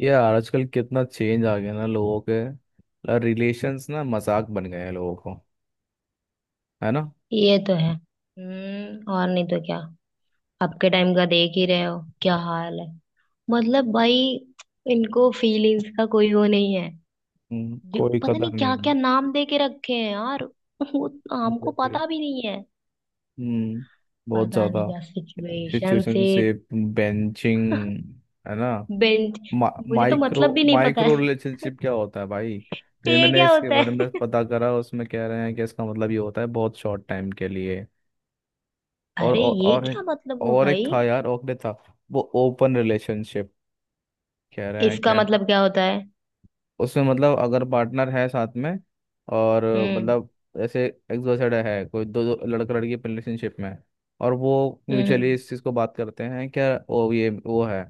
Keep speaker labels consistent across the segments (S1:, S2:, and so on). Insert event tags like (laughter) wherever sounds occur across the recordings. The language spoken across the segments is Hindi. S1: यार, आजकल कितना चेंज आ गया ना। लोगों के रिलेशंस ना, मजाक बन गए हैं लोगों को। है ना?
S2: ये तो है। हम्म। और नहीं तो क्या। आपके टाइम का देख ही रहे हो, क्या हाल है। मतलब भाई। इनको फीलिंग्स का कोई वो नहीं है। जो
S1: कोई
S2: पता
S1: कदर
S2: नहीं क्या
S1: नहीं।
S2: क्या नाम दे के रखे हैं यार, वो हमको
S1: एग्जैक्टली।
S2: पता भी नहीं है।
S1: हम्म। बहुत
S2: पता नहीं
S1: ज्यादा।
S2: क्या
S1: सिचुएशन से
S2: सिचुएशनशिप,
S1: बेंचिंग। है ना?
S2: बेंच। मुझे तो
S1: माइक्रो
S2: मतलब भी नहीं पता
S1: माइक्रो
S2: है।
S1: रिलेशनशिप क्या होता है, भाई?
S2: (laughs)
S1: फिर
S2: ये
S1: मैंने
S2: क्या
S1: इसके
S2: होता
S1: बारे में
S2: है।
S1: पता करा। उसमें कह रहे हैं कि इसका मतलब ये होता है, बहुत शॉर्ट टाइम के लिए।
S2: (laughs)
S1: और
S2: अरे
S1: और
S2: ये
S1: और एक,
S2: क्या मतलब हुआ
S1: और एक
S2: भाई।
S1: था यार, और एक था। वो ओपन रिलेशनशिप। कह रहे हैं
S2: इसका
S1: क्या?
S2: मतलब क्या होता है।
S1: उसमें मतलब, अगर पार्टनर है साथ में। और।
S2: हम्म।
S1: मतलब। ऐसे। एक्सोसाइड है, कोई दो लड़का लड़की रिलेशनशिप में है, और वो म्यूचुअली
S2: हम्म।
S1: इस चीज़ को बात करते हैं, क्या वो ये वो है।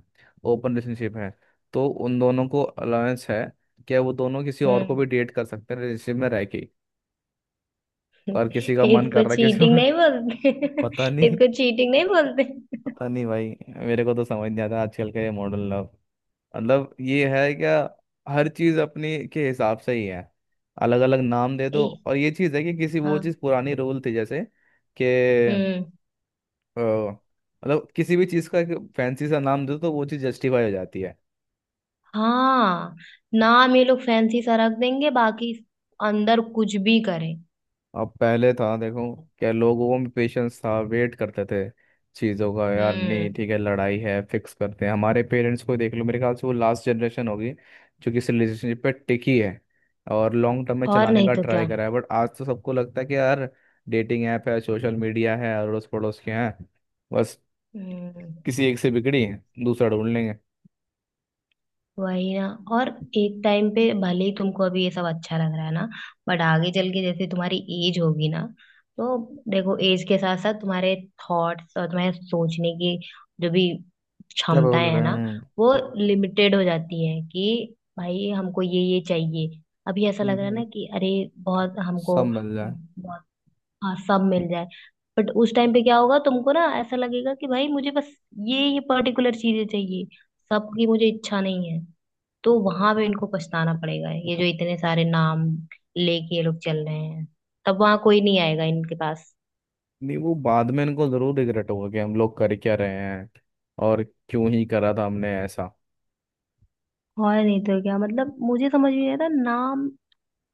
S1: ओपन रिलेशनशिप है। तो उन दोनों को अलाउंस है, क्या वो दोनों किसी और को
S2: हम्म।
S1: भी डेट कर सकते हैं रिलेशनशिप में रह के? और किसी का मन कर
S2: इसको
S1: रहा है किसी
S2: चीटिंग
S1: को।
S2: नहीं बोलते।
S1: (laughs) पता
S2: (laughs)
S1: नहीं।
S2: इसको चीटिंग नहीं बोलते।
S1: पता नहीं भाई। मेरे को तो समझ नहीं आता आजकल का ये मॉडल लव। मतलब ये है क्या? हर चीज अपने के हिसाब से ही है। अलग अलग नाम दे दो,
S2: ए,
S1: और ये चीज है कि किसी वो
S2: हाँ।
S1: चीज पुरानी रूल थी जैसे। कि।
S2: हम्म।
S1: मतलब किसी भी चीज का फैंसी सा नाम दो, तो वो चीज जस्टिफाई हो जाती है।
S2: हाँ। नाम ये लोग फैंसी सा रख देंगे, बाकी अंदर कुछ भी करें।
S1: अब पहले था, देखो क्या लोगों में पेशेंस था, वेट करते थे चीज़ों का। यार, नहीं
S2: हम्म।
S1: ठीक है, लड़ाई है फिक्स करते हैं। हमारे पेरेंट्स को देख लो, मेरे ख्याल से वो लास्ट जनरेशन होगी जो किसी रिलेशनशिप पे टिकी है और लॉन्ग टर्म में
S2: और
S1: चलाने
S2: नहीं
S1: का
S2: तो क्या।
S1: ट्राई करा है। बट आज तो सबको लगता है कि यार, डेटिंग ऐप है, सोशल मीडिया है, अड़ोस पड़ोस के हैं, बस।
S2: हम्म।
S1: किसी एक से बिगड़ी, दूसरा ढूंढ लेंगे।
S2: वही ना। और एक टाइम पे भले ही तुमको अभी ये सब अच्छा लग रहा है ना, बट आगे चल के जैसे तुम्हारी एज होगी ना, तो देखो एज के साथ साथ तुम्हारे थॉट्स और तुम्हारे सोचने की जो भी
S1: क्या बोल
S2: क्षमताएं है
S1: रहे
S2: ना,
S1: हैं?
S2: वो लिमिटेड हो जाती है कि भाई हमको ये चाहिए। अभी ऐसा लग रहा है
S1: हम्म,
S2: ना कि अरे बहुत हमको,
S1: सब मिल जाए।
S2: बहुत। हाँ, सब मिल जाए। बट उस टाइम पे क्या होगा, तुमको ना ऐसा लगेगा कि भाई मुझे बस ये पर्टिकुलर चीजें चाहिए, सबकी मुझे इच्छा नहीं है। तो वहां पे इनको पछताना पड़ेगा, ये जो इतने सारे नाम लेके ये लोग चल रहे हैं, तब वहां कोई नहीं आएगा इनके पास।
S1: नहीं, वो बाद में इनको जरूर रिग्रेट होगा कि हम लोग कर क्या रहे हैं, और क्यों ही करा था हमने ऐसा।
S2: और नहीं तो क्या। मतलब मुझे समझ में नहीं आता, नाम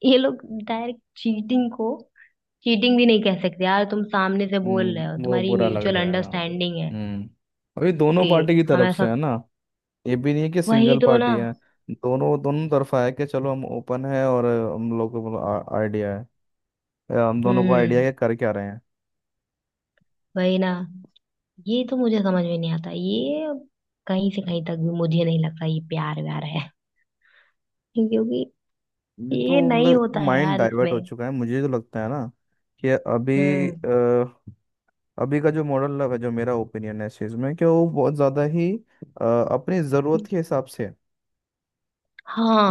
S2: ये लोग डायरेक्ट चीटिंग को चीटिंग भी नहीं कह सकते यार, तुम सामने से बोल रहे हो,
S1: हम्म, वो
S2: तुम्हारी
S1: बुरा लग
S2: म्यूचुअल
S1: जाएगा।
S2: अंडरस्टैंडिंग है
S1: हम्म। और ये दोनों
S2: कि
S1: पार्टी की
S2: हम
S1: तरफ से
S2: ऐसा।
S1: है ना। ये भी नहीं है कि
S2: वही
S1: सिंगल
S2: तो ना।
S1: पार्टी है। दोनों दोनों तरफा है, कि चलो हम ओपन है और हम लोग को आइडिया है, या हम दोनों को आइडिया
S2: हम्म।
S1: है कि कर क्या रहे हैं।
S2: वही ना। ये तो मुझे समझ में नहीं आता ये, कहीं से कहीं तक भी मुझे नहीं लगता ये प्यार व्यार है। (laughs) क्योंकि
S1: ये
S2: ये
S1: तो
S2: नहीं
S1: मतलब
S2: होता है
S1: माइंड
S2: यार
S1: डाइवर्ट हो
S2: इसमें।
S1: चुका है, मुझे तो लगता है ना। कि अभी
S2: हम्म।
S1: अभी का जो मॉडल है, जो मेरा ओपिनियन है इस चीज़ में, कि वो बहुत ज़्यादा ही अपनी ज़रूरत के हिसाब से है।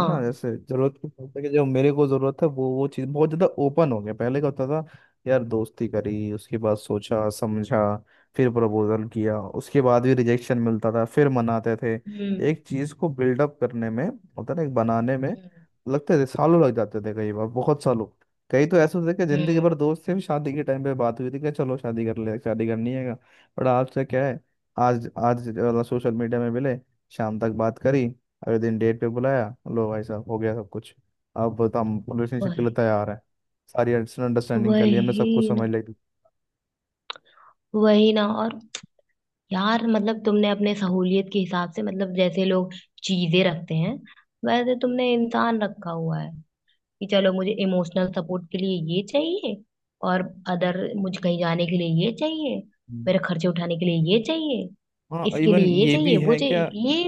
S1: है ना, जैसे जरूरत के बोलते, कि जो मेरे को जरूरत है वो चीज। बहुत ज्यादा ओपन हो गया। पहले क्या होता था? यार, दोस्ती करी, उसके बाद सोचा समझा, फिर प्रपोजल किया, उसके बाद भी रिजेक्शन मिलता था, फिर मनाते थे।
S2: हम्म।
S1: एक चीज को बिल्डअप करने में, होता ना एक बनाने में,
S2: हम्म।
S1: लगते थे सालों, लग जाते थे कई बार बहुत सालों। कई तो ऐसे होते थे कि जिंदगी
S2: हम्म।
S1: भर दोस्त से भी शादी के टाइम पे बात हुई थी, कि चलो शादी कर ले, शादी करनी है का। बट आज से क्या है? आज आज सोशल मीडिया में मिले, शाम तक बात करी, अगले दिन डेट पे बुलाया, लो भाई साहब हो गया सब कुछ। अब बता, हम रिलेशनशिप के
S2: वही।
S1: लिए तैयार है, सारी अंडरस्टैंडिंग कर ली हमने, सब कुछ
S2: वही ना
S1: समझ लिया।
S2: वही ना। और यार मतलब तुमने अपने सहूलियत के हिसाब से, मतलब जैसे लोग चीजें रखते हैं वैसे तुमने इंसान रखा हुआ है, कि चलो मुझे इमोशनल सपोर्ट के लिए ये चाहिए, और अदर मुझे कहीं जाने के लिए ये चाहिए,
S1: हम्म।
S2: मेरे खर्चे उठाने के लिए ये चाहिए,
S1: हाँ,
S2: इसके
S1: इवन
S2: लिए ये
S1: ये भी
S2: चाहिए वो
S1: है क्या?
S2: चाहिए ये,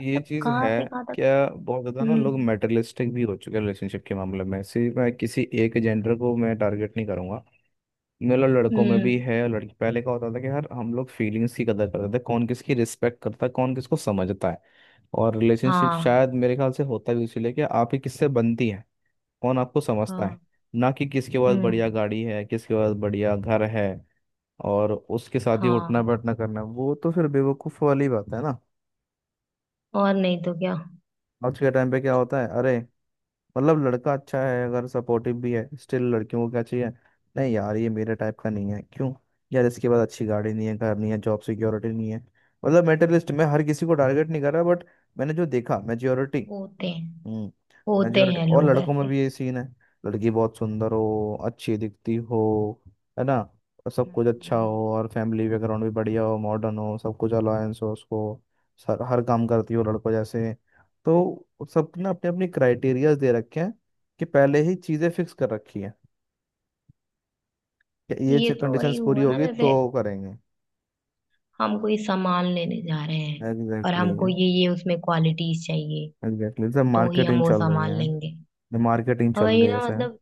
S1: ये चीज है,
S2: कहाँ से कहाँ तक।
S1: क्या बहुत ज्यादा ना
S2: हम्म।
S1: लोग मेटरलिस्टिक भी हो चुके हैं रिलेशनशिप के मामले में। सिर्फ मैं किसी एक जेंडर को मैं टारगेट नहीं करूंगा, मतलब लड़कों में भी
S2: हम्म।
S1: है और लड़की। पहले का होता था कि यार, हम लोग फीलिंग्स की कदर करते थे, कौन किसकी रिस्पेक्ट करता है, कौन किसको समझता है। और रिलेशनशिप
S2: हाँ।
S1: शायद मेरे ख्याल से होता भी इसीलिए कि आपकी किससे बनती है, कौन आपको समझता है।
S2: हाँ।
S1: ना कि किसके पास
S2: हम्म।
S1: बढ़िया गाड़ी है, किसके पास बढ़िया घर है, और उसके साथ ही उठना
S2: हाँ।
S1: बैठना करना। वो तो फिर बेवकूफ़ वाली बात है ना।
S2: और नहीं तो क्या।
S1: आज के टाइम पे क्या होता है, अरे, मतलब लड़का अच्छा है, अगर सपोर्टिव भी है, स्टिल लड़कियों को क्या चाहिए? नहीं यार, ये मेरे टाइप का नहीं है, क्यों? यार, इसके पास अच्छी गाड़ी नहीं है, घर नहीं है, जॉब सिक्योरिटी नहीं है। मतलब मेटलिस्ट, मैं हर किसी को टारगेट नहीं कर रहा, बट मैंने जो देखा, मेजोरिटी।
S2: होते हैं,
S1: हम्म।
S2: होते
S1: मेजोरिटी,
S2: हैं
S1: और
S2: लोग
S1: लड़कों में
S2: ऐसे।
S1: भी ये सीन है, लड़की बहुत सुंदर हो, अच्छी दिखती हो, है ना, और सब कुछ अच्छा
S2: हम्म।
S1: हो, और फैमिली बैकग्राउंड भी बढ़िया हो, मॉडर्न हो, सब कुछ अलायंस हो उसको। सर, हर काम करती हो लड़कों जैसे। तो सबने अपने अपनी क्राइटेरियाज दे रखे हैं, कि पहले ही चीज़ें फिक्स कर रखी हैं, कि
S2: ये
S1: ये
S2: तो वही
S1: कंडीशंस पूरी
S2: हुआ ना
S1: होगी तो
S2: जैसे
S1: करेंगे।
S2: हम कोई सामान लेने जा रहे हैं और
S1: एग्जैक्टली।
S2: हमको ये उसमें क्वालिटीज चाहिए,
S1: एग्जैक्टली सर,
S2: तो ही हम
S1: मार्केटिंग
S2: वो
S1: चल रही
S2: सामान
S1: है,
S2: लेंगे।
S1: मार्केटिंग
S2: और
S1: चल
S2: वही
S1: रही है,
S2: ना,
S1: जैसे।
S2: मतलब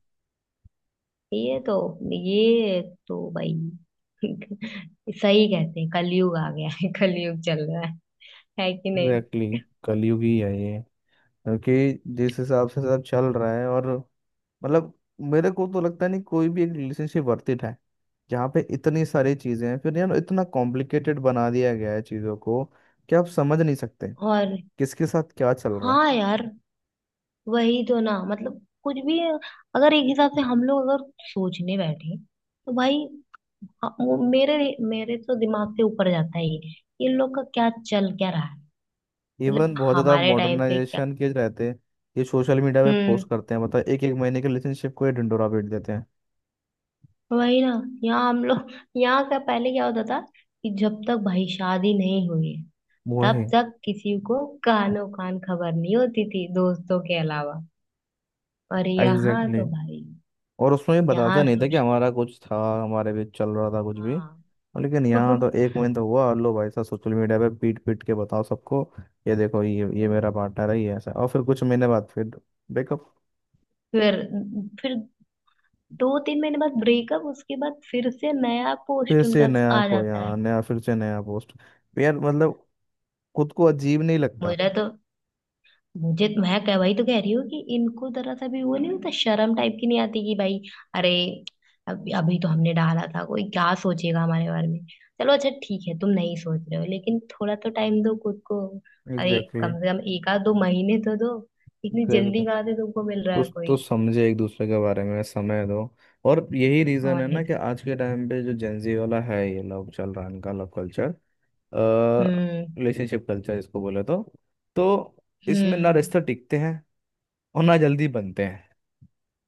S2: ये तो ये तो भाई (laughs) सही कहते हैं, कलयुग आ गया है, कलयुग चल रहा है कि नहीं।
S1: एग्जैकली, कलयुग ही है ये। क्योंकि जिस हिसाब से सब चल रहा है, और मतलब, मेरे को तो लगता नहीं कोई भी एक रिलेशनशिप वर्थ इट है, जहाँ पे इतनी सारी चीजें हैं। फिर यार, इतना कॉम्प्लिकेटेड बना दिया गया है चीजों को कि आप समझ नहीं सकते
S2: और
S1: किसके साथ क्या चल रहा
S2: हाँ यार, वही तो ना, मतलब कुछ भी अगर एक हिसाब से हम लोग अगर सोचने बैठे तो भाई, हाँ, वो मेरे मेरे तो दिमाग से ऊपर जाता है, ये इन लोग का क्या रहा है।
S1: है।
S2: मतलब
S1: इवन बहुत ज्यादा
S2: हमारे टाइम पे क्या।
S1: मॉडर्नाइजेशन के रहते हैं, ये सोशल मीडिया पे
S2: हम्म।
S1: पोस्ट करते हैं। मतलब एक एक महीने के रिलेशनशिप को ये ढिंडोरा पीट देते हैं।
S2: वही ना। यहाँ हम लोग, यहाँ का पहले क्या होता था कि जब तक भाई शादी नहीं हुई है
S1: वो है।
S2: तब तक किसी को कानो कान खबर नहीं होती थी, दोस्तों के अलावा, और यहाँ
S1: एग्जैक्टली,
S2: तो भाई,
S1: और उसमें ये बताता
S2: यहाँ
S1: नहीं था कि
S2: सोच।
S1: हमारा कुछ था, हमारे बीच चल रहा था कुछ भी।
S2: हाँ।
S1: और लेकिन
S2: (laughs)
S1: यहाँ तो
S2: हम्म,
S1: एक महीना तो हुआ, लो भाई साहब, सोशल मीडिया पे पीट पीट के बताओ सबको। ये देखो, ये मेरा पार्टनर है, ये ऐसा है। और फिर कुछ महीने बाद फिर ब्रेकअप।
S2: फिर फिर दो तीन महीने बाद ब्रेकअप, उसके बाद फिर से नया
S1: फिर
S2: पोस्ट
S1: से
S2: उनका
S1: नया
S2: आ जाता
S1: खोया,
S2: है।
S1: नया, फिर से नया पोस्ट। तो यार मतलब, खुद को अजीब नहीं लगता?
S2: मुझे तो मैं कह वही तो कह रही हूँ कि इनको जरा सा भी वो नहीं होता, शर्म टाइप की नहीं आती कि भाई, अरे अभी अभी तो हमने डाला था, कोई क्या सोचेगा हमारे बारे में। चलो अच्छा ठीक है, तुम नहीं सोच रहे हो, लेकिन थोड़ा तो टाइम दो खुद को, अरे
S1: एग्जैक्टली।
S2: कम से कम एक आध दो महीने तो दो, इतनी
S1: एग्जैक्टली,
S2: जल्दी कहाँ से तुमको मिल रहा है
S1: कुछ तो
S2: कोई।
S1: समझे एक दूसरे के बारे में, समय दो। और यही रीजन
S2: और
S1: है
S2: नहीं
S1: ना, कि
S2: तो।
S1: आज के टाइम पे जो जेंजी वाला है, ये लव चल रहा है, इनका लव कल्चर,
S2: हम्म।
S1: रिलेशनशिप कल्चर इसको बोले तो। तो इसमें ना
S2: हम्म।
S1: रिश्ते टिकते हैं और ना जल्दी बनते हैं,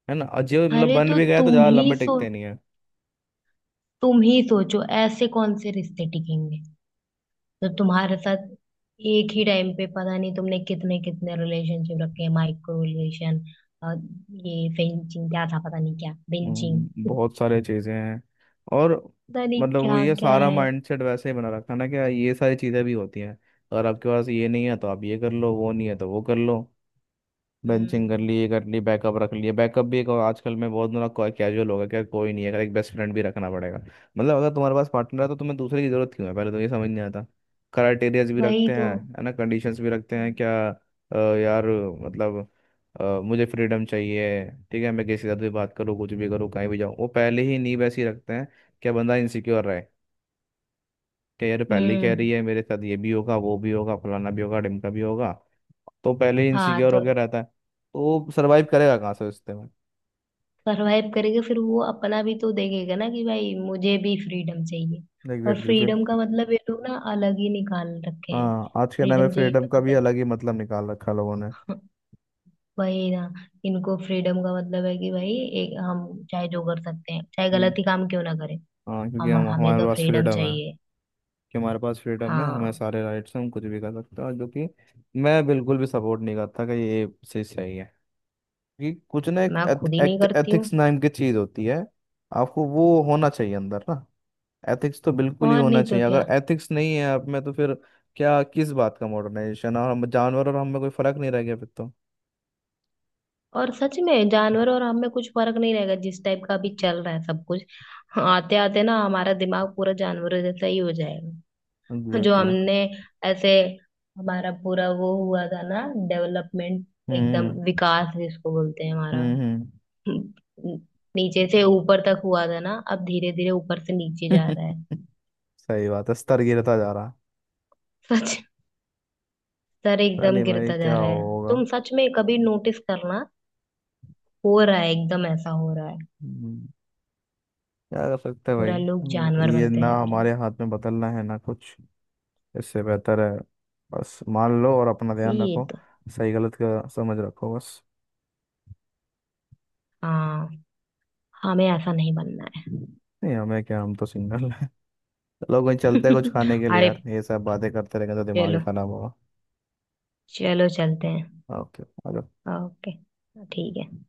S1: है ना। और जो मतलब
S2: अरे
S1: बन
S2: तो
S1: भी गए तो
S2: तुम
S1: ज़्यादा
S2: ही
S1: लंबे
S2: सो
S1: टिकते नहीं है।
S2: तुम ही सोचो ऐसे कौन से रिश्ते टिकेंगे तो तुम्हारे साथ, एक ही टाइम पे पता नहीं तुमने कितने कितने रिलेशनशिप रखे हैं, माइक्रो रिलेशन, और ये फेंचिंग क्या था, पता नहीं क्या बेंचिंग,
S1: बहुत सारे चीज़ें हैं। और
S2: पता नहीं
S1: मतलब, वो
S2: क्या
S1: ये
S2: क्या
S1: सारा
S2: है।
S1: माइंडसेट वैसे ही बना रखा है ना, कि ये सारी चीज़ें भी होती हैं। अगर आपके पास ये नहीं है तो आप ये कर लो, वो नहीं है तो वो कर लो, बेंचिंग कर
S2: हम्म।
S1: ली, ये कर ली, बैकअप रख लिए। बैकअप भी एक आजकल में बहुत बड़ा कैजुअल हो गया, क्या कोई नहीं है अगर, एक बेस्ट फ्रेंड भी रखना पड़ेगा। मतलब अगर तुम्हारे पास पार्टनर है, तो तुम्हें दूसरे की जरूरत क्यों है? पहले तो ये समझ नहीं आता। क्राइटेरिया भी
S2: वही
S1: रखते
S2: तो।
S1: हैं, है ना, कंडीशंस भी रखते हैं क्या।
S2: हम्म।
S1: यार, मतलब, मुझे फ्रीडम चाहिए। ठीक है, मैं किसी से भी बात करूँ, कुछ भी करूँ, कहीं भी जाऊँ। वो पहले ही नींव ऐसी रखते हैं, क्या बंदा इनसिक्योर रहे? क्या यार, पहले ही कह
S2: हम्म।
S1: रही है, मेरे साथ ये भी होगा, वो भी होगा, फलाना भी होगा, ढिमका भी होगा। तो पहले ही
S2: हाँ
S1: इनसिक्योर
S2: तो
S1: होकर रहता है, तो सर्वाइव करेगा कहाँ से रिश्ते में?
S2: सरवाइव करेगा, फिर वो अपना भी तो देखेगा ना कि भाई मुझे भी फ्रीडम चाहिए, और
S1: एग्जैक्टली exactly,
S2: फ्रीडम का
S1: फिर।
S2: मतलब ये लोग ना अलग ही निकाल रखे हैं।
S1: हाँ, आज के टाइम में
S2: फ्रीडम चाहिए
S1: फ्रीडम
S2: तो
S1: का भी
S2: मतलब,
S1: अलग ही मतलब निकाल रखा है लोगों ने।
S2: वही ना, इनको फ्रीडम का मतलब है कि भाई एक हम चाहे जो कर सकते हैं, चाहे
S1: हम्म,
S2: गलत ही काम क्यों ना करें,
S1: हाँ, क्योंकि
S2: हम
S1: हम
S2: हमें
S1: हमारे
S2: तो
S1: पास
S2: फ्रीडम
S1: फ्रीडम है,
S2: चाहिए।
S1: कि हमारे पास फ्रीडम है, हमें
S2: हाँ।
S1: सारे राइट्स हैं, हम कुछ भी कर सकते हैं, जो कि मैं बिल्कुल भी सपोर्ट नहीं करता कि ये चीज़ सही है। क्योंकि कुछ ना, एक
S2: मैं खुद ही नहीं करती हूँ।
S1: एथिक्स नाम की चीज़ होती है, आपको वो होना चाहिए अंदर ना। एथिक्स तो बिल्कुल ही
S2: और
S1: होना
S2: नहीं तो
S1: चाहिए, अगर
S2: क्या।
S1: एथिक्स नहीं है आप में, तो फिर क्या किस बात का मॉडर्नाइजेशन, और हम जानवर और हम में कोई फर्क नहीं रह गया फिर तो।
S2: और सच में जानवर और हम में कुछ फर्क नहीं रहेगा, जिस टाइप का अभी चल रहा है सब कुछ, आते आते ना हमारा दिमाग पूरा जानवरों जैसा ही हो जाएगा। जो
S1: एग्जैक्टली।
S2: हमने ऐसे, हमारा पूरा वो हुआ था ना डेवलपमेंट, एकदम
S1: हम्म।
S2: विकास जिसको बोलते हैं हमारा,
S1: हम्म।
S2: हम्म, नीचे से ऊपर तक हुआ था ना, अब धीरे धीरे ऊपर से नीचे
S1: हम्म।
S2: जा रहा है।
S1: (laughs) सही बात है, स्तर गिरता जा रहा है।
S2: सच। सर
S1: पता
S2: एकदम
S1: नहीं भाई
S2: गिरता जा
S1: क्या
S2: रहा है।
S1: होगा।
S2: तुम सच में कभी नोटिस करना, हो रहा है, एकदम ऐसा हो रहा है,
S1: हम्म, क्या कर सकते हैं भाई।
S2: पूरा लोग जानवर
S1: ये
S2: बनते
S1: ना
S2: जा रहे
S1: हमारे
S2: हैं।
S1: हाथ में बदलना है ना कुछ। इससे बेहतर है, बस मान लो और अपना ध्यान
S2: ये
S1: रखो,
S2: तो।
S1: सही गलत का समझ रखो बस।
S2: हाँ। हमें ऐसा नहीं बनना है।
S1: नहीं, हमें क्या, हम तो सिंगल। चलो कोई, चलते हैं कुछ
S2: (laughs)
S1: खाने के लिए
S2: अरे
S1: यार, ये सब बातें करते रहेंगे तो दिमाग ही
S2: चलो,
S1: खराब होगा।
S2: चलो चलते हैं।
S1: ओके।
S2: ओके। ठीक है।